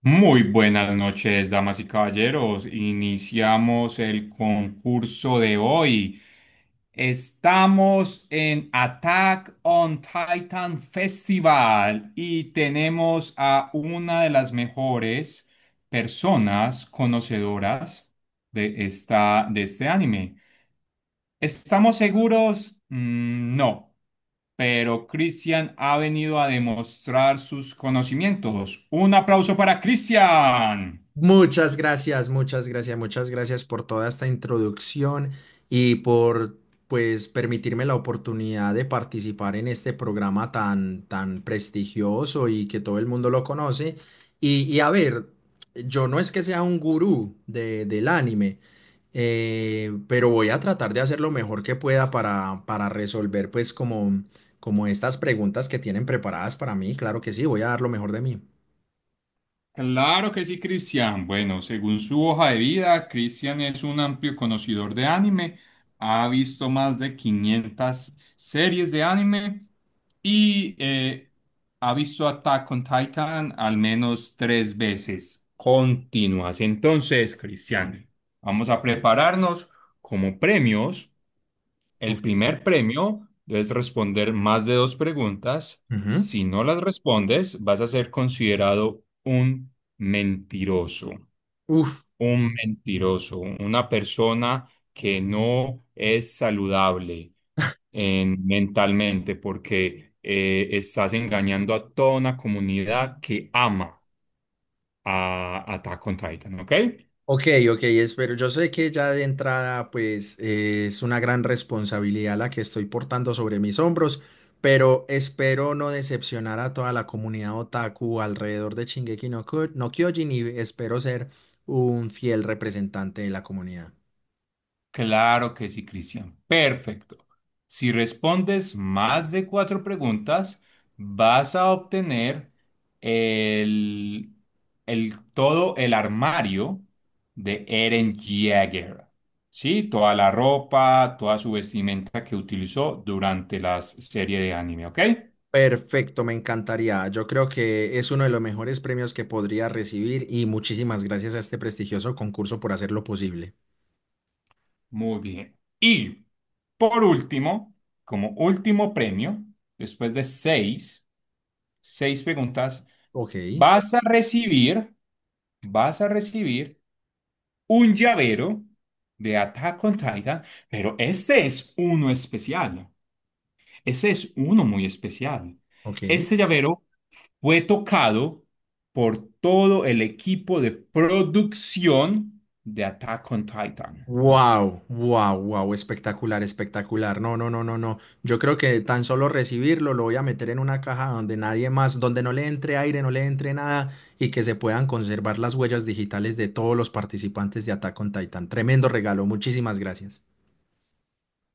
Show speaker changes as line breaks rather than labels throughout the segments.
Muy buenas noches, damas y caballeros. Iniciamos el concurso de hoy. Estamos en Attack on Titan Festival y tenemos a una de las mejores personas conocedoras de este anime. ¿Estamos seguros? No, pero Christian ha venido a demostrar sus conocimientos. Un aplauso para Christian.
Muchas gracias, muchas gracias, muchas gracias por toda esta introducción y por pues permitirme la oportunidad de participar en este programa tan prestigioso y que todo el mundo lo conoce. A ver, yo no es que sea un gurú del anime, pero voy a tratar de hacer lo mejor que pueda para resolver pues como estas preguntas que tienen preparadas para mí. Claro que sí, voy a dar lo mejor de mí.
Claro que sí, Cristian. Bueno, según su hoja de vida, Cristian es un amplio conocedor de anime, ha visto más de 500 series de anime y ha visto Attack on Titan al menos tres veces continuas. Entonces, Cristian, vamos a prepararnos como premios.
Ok.
El primer premio, debes responder más de dos preguntas.
Ujú.
Si no las respondes, vas a ser considerado un mentiroso,
Uf.
una persona que no es saludable mentalmente, porque estás engañando a toda una comunidad que ama a Attack on Titan, ¿ok?
Ok, ok, espero. Yo sé que ya de entrada, pues es una gran responsabilidad la que estoy portando sobre mis hombros, pero espero no decepcionar a toda la comunidad otaku alrededor de Shingeki no, no Kyojin y espero ser un fiel representante de la comunidad.
Claro que sí, Cristian. Perfecto. Si respondes más de cuatro preguntas, vas a obtener el, todo el armario de Eren Jaeger. Sí, toda la ropa, toda su vestimenta que utilizó durante la serie de anime, ¿ok?
Perfecto, me encantaría. Yo creo que es uno de los mejores premios que podría recibir y muchísimas gracias a este prestigioso concurso por hacerlo posible.
Muy bien. Y por último, como último premio, después de seis preguntas,
Ok,
vas a recibir vas a recibir un llavero de Attack on Titan, pero este es uno especial. Ese es uno muy especial.
ok.
Este llavero fue tocado por todo el equipo de producción de Attack on Titan.
Wow, wow, wow, espectacular, espectacular. No, no, no, no, no. Yo creo que tan solo recibirlo lo voy a meter en una caja donde nadie más, donde no le entre aire, no le entre nada y que se puedan conservar las huellas digitales de todos los participantes de Attack on Titan. Tremendo regalo, muchísimas gracias.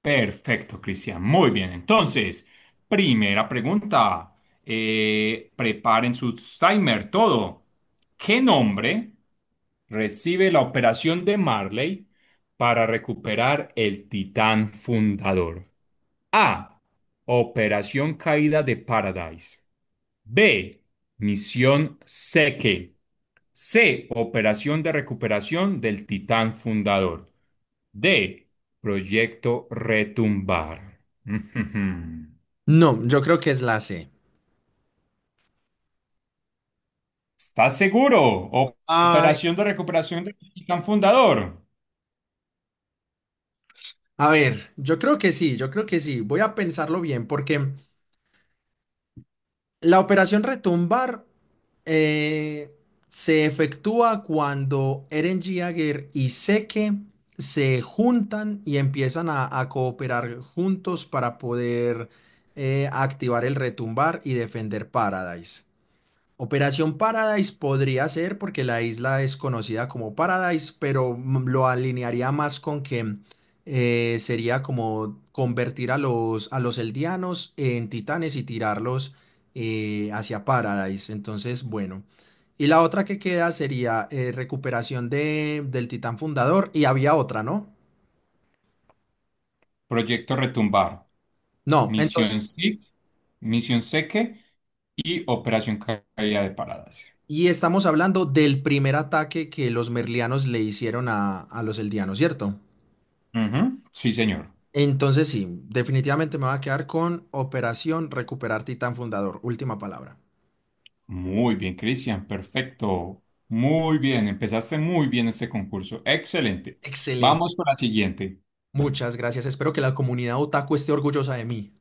Perfecto, Cristian. Muy bien. Entonces, primera pregunta. Preparen sus timer, todo. ¿Qué nombre recibe la operación de Marley para recuperar el Titán fundador? A. Operación Caída de Paradise. B. Misión Seke. C. Operación de recuperación del Titán fundador. D. Proyecto Retumbar.
No, yo creo que es la C.
¿Estás seguro? O- ¿Operación de recuperación del Titán fundador?
A ver, yo creo que sí, yo creo que sí. Voy a pensarlo bien porque la operación retumbar eh, se efectúa cuando Eren Jaeger y Zeke se juntan y empiezan a cooperar juntos para poder activar el retumbar y defender Paradise. Operación Paradise podría ser porque la isla es conocida como Paradise, pero lo alinearía más con que sería como convertir a a los eldianos en titanes y tirarlos hacia Paradise. Entonces, bueno. Y la otra que queda sería recuperación del titán fundador y había otra, ¿no?
Proyecto Retumbar,
No,
Misión
entonces,
SIP, Misión Seque y Operación Caída de Paradas.
y estamos hablando del primer ataque que los merlianos le hicieron a los eldianos, ¿cierto?
Ujú. Sí, señor.
Entonces sí, definitivamente me va a quedar con Operación Recuperar Titán Fundador. Última palabra.
Muy bien, Cristian. Perfecto. Muy bien. Empezaste muy bien este concurso. Excelente.
Excelente.
Vamos con la siguiente.
Muchas gracias. Espero que la comunidad otaku esté orgullosa de mí.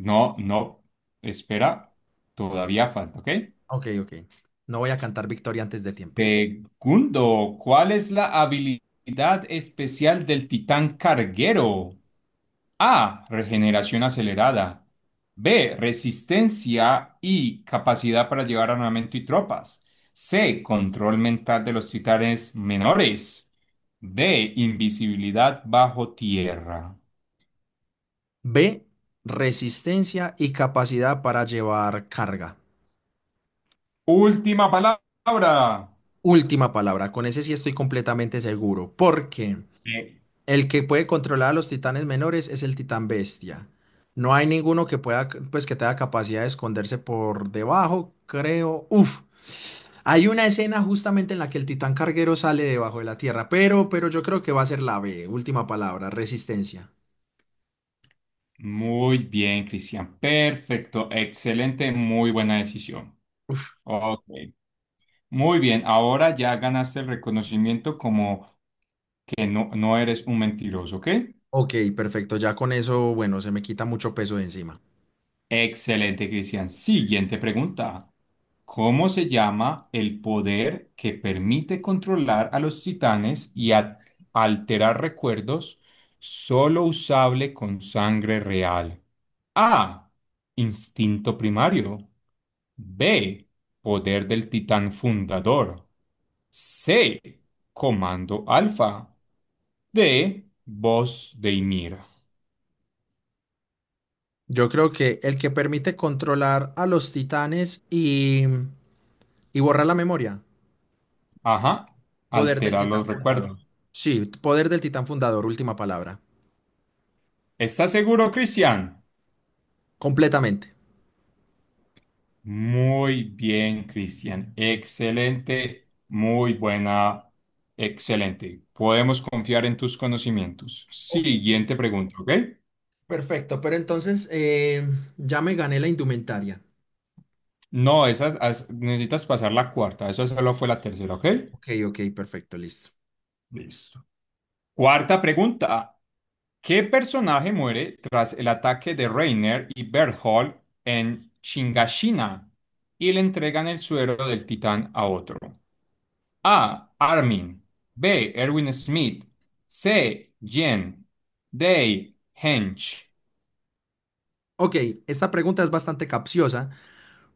No, no. Espera. Todavía falta, ¿ok?
Ok, ok. No voy a cantar victoria antes de tiempo.
Segundo, ¿cuál es la habilidad especial del titán carguero? A. Regeneración acelerada. B. Resistencia y capacidad para llevar armamento y tropas. C. Control mental de los titanes menores. D. Invisibilidad bajo tierra.
B, resistencia y capacidad para llevar carga.
Última palabra.
Última palabra. Con ese sí estoy completamente seguro. ¿Por qué?
Eh,
El que puede controlar a los titanes menores es el titán bestia. No hay ninguno que pueda, pues que tenga capacidad de esconderse por debajo, creo. Uf. Hay una escena justamente en la que el titán carguero sale debajo de la tierra, pero yo creo que va a ser la B, última palabra, resistencia.
Muy bien, Cristian. Perfecto. Excelente. Muy buena decisión. Ok. Muy bien. Ahora ya ganaste el reconocimiento como que no eres un mentiroso, ¿ok?
Ok, perfecto. Ya con eso, bueno, se me quita mucho peso de encima.
Excelente, Cristian. Siguiente pregunta. ¿Cómo se llama el poder que permite controlar a los titanes y alterar recuerdos, solo usable con sangre real? A. Instinto primario. B. Poder del titán fundador. C. Comando alfa. D. Voz de Ymir.
Yo creo que el que permite controlar a los titanes y borrar la memoria.
Ajá.
Poder del
Alterar los
titán fundador.
recuerdos.
Sí, poder del titán fundador, última palabra.
¿Estás seguro, Cristian?
Completamente.
Muy bien, Cristian. Excelente, excelente. Podemos confiar en tus conocimientos.
Ok,
Siguiente pregunta, ¿ok?
perfecto. Pero entonces ya me gané la indumentaria.
No, necesitas pasar la cuarta. Eso solo fue la tercera, ¿ok?
Ok, ok, perfecto, listo.
Listo. Cuarta pregunta. ¿Qué personaje muere tras el ataque de Reiner y Berthold en Chingashina y le entregan el suero del titán a otro? A. Armin. B. Erwin Smith. C. Jen. D. Hench.
Ok, esta pregunta es bastante capciosa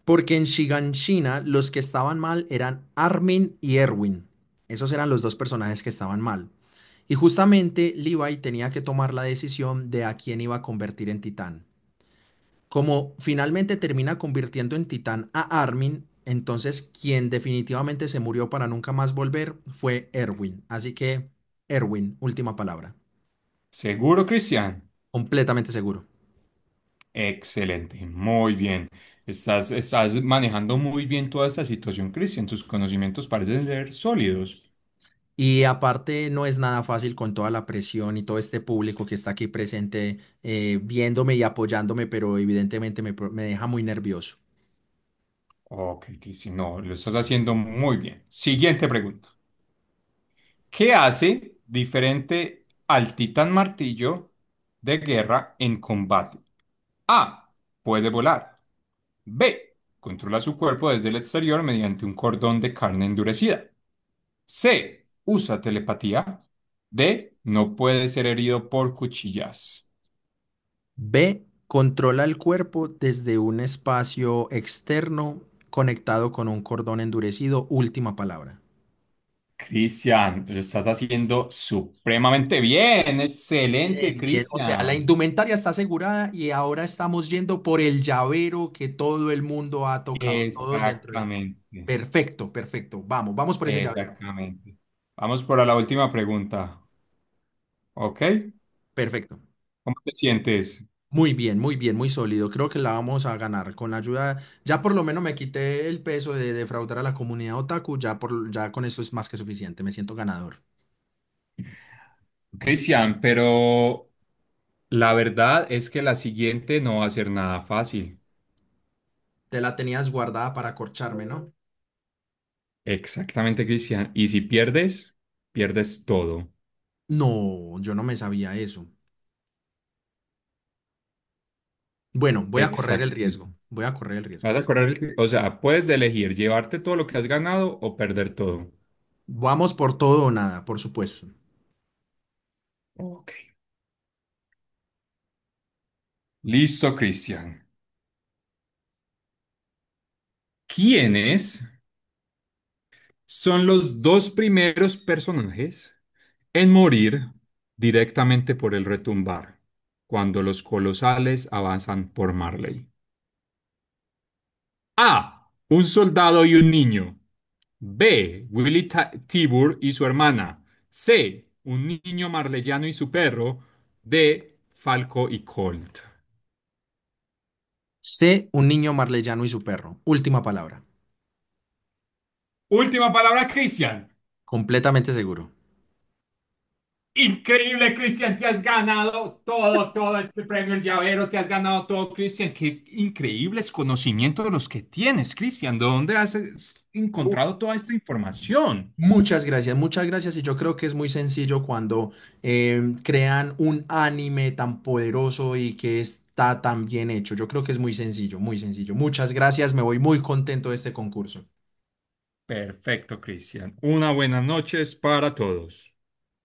porque en Shiganshina los que estaban mal eran Armin y Erwin. Esos eran los dos personajes que estaban mal. Y justamente Levi tenía que tomar la decisión de a quién iba a convertir en titán. Como finalmente termina convirtiendo en titán a Armin, entonces quien definitivamente se murió para nunca más volver fue Erwin. Así que, Erwin, última palabra.
¿Seguro, Cristian?
Completamente seguro.
Excelente, muy bien. Estás manejando muy bien toda esta situación, Cristian. Tus conocimientos parecen ser sólidos.
Y aparte no es nada fácil con toda la presión y todo este público que está aquí presente viéndome y apoyándome, pero evidentemente me deja muy nervioso.
Ok, Cristian, no, lo estás haciendo muy bien. Siguiente pregunta. ¿Qué hace diferente al Titán Martillo de guerra en combate? A. Puede volar. B. Controla su cuerpo desde el exterior mediante un cordón de carne endurecida. C. Usa telepatía. D. No puede ser herido por cuchillas.
B, controla el cuerpo desde un espacio externo conectado con un cordón endurecido. Última palabra.
Cristian, lo estás haciendo supremamente bien. Excelente,
Bien, bien. O sea, la
Cristian.
indumentaria está asegurada y ahora estamos yendo por el llavero que todo el mundo ha tocado, todos dentro. De-
Exactamente,
Perfecto, perfecto. Vamos, vamos por ese llavero.
exactamente. Vamos por la última pregunta. ¿Ok?
Perfecto.
¿Cómo te sientes?
Muy bien, muy bien, muy sólido. Creo que la vamos a ganar con la ayuda. Ya por lo menos me quité el peso de defraudar a la comunidad otaku. Ya, por, ya con eso es más que suficiente. Me siento ganador.
Cristian, pero la verdad es que la siguiente no va a ser nada fácil.
Te la tenías guardada para corcharme, ¿no?
Exactamente, Cristian. Y si pierdes, pierdes todo.
No, yo no me sabía eso. Bueno, voy a correr el riesgo.
Exactamente.
Voy a correr el riesgo.
Vas a correr, o sea, puedes elegir llevarte todo lo que has ganado o perder todo.
Vamos por todo o nada, por supuesto.
Ok. Listo, Cristian. ¿Quiénes son los dos primeros personajes en morir directamente por el retumbar cuando los colosales avanzan por Marley? A. Un soldado y un niño. B. Willy Tibur y su hermana. C. Un niño marleyano y su perro. D. Falco y Colt.
Sé un niño marleyano y su perro. Última palabra.
Última palabra, Cristian.
Completamente seguro.
Increíble, Cristian, te has ganado todo, todo este premio, el llavero, te has ganado todo, Cristian. Qué increíbles conocimientos los que tienes, Cristian. ¿De dónde has
Mu-
encontrado toda esta información?
Muchas gracias, muchas gracias. Y yo creo que es muy sencillo cuando crean un anime tan poderoso y que está tan bien hecho. Yo creo que es muy sencillo, muy sencillo. Muchas gracias, me voy muy contento de este concurso.
Perfecto, Cristian. Una buena noches para todos.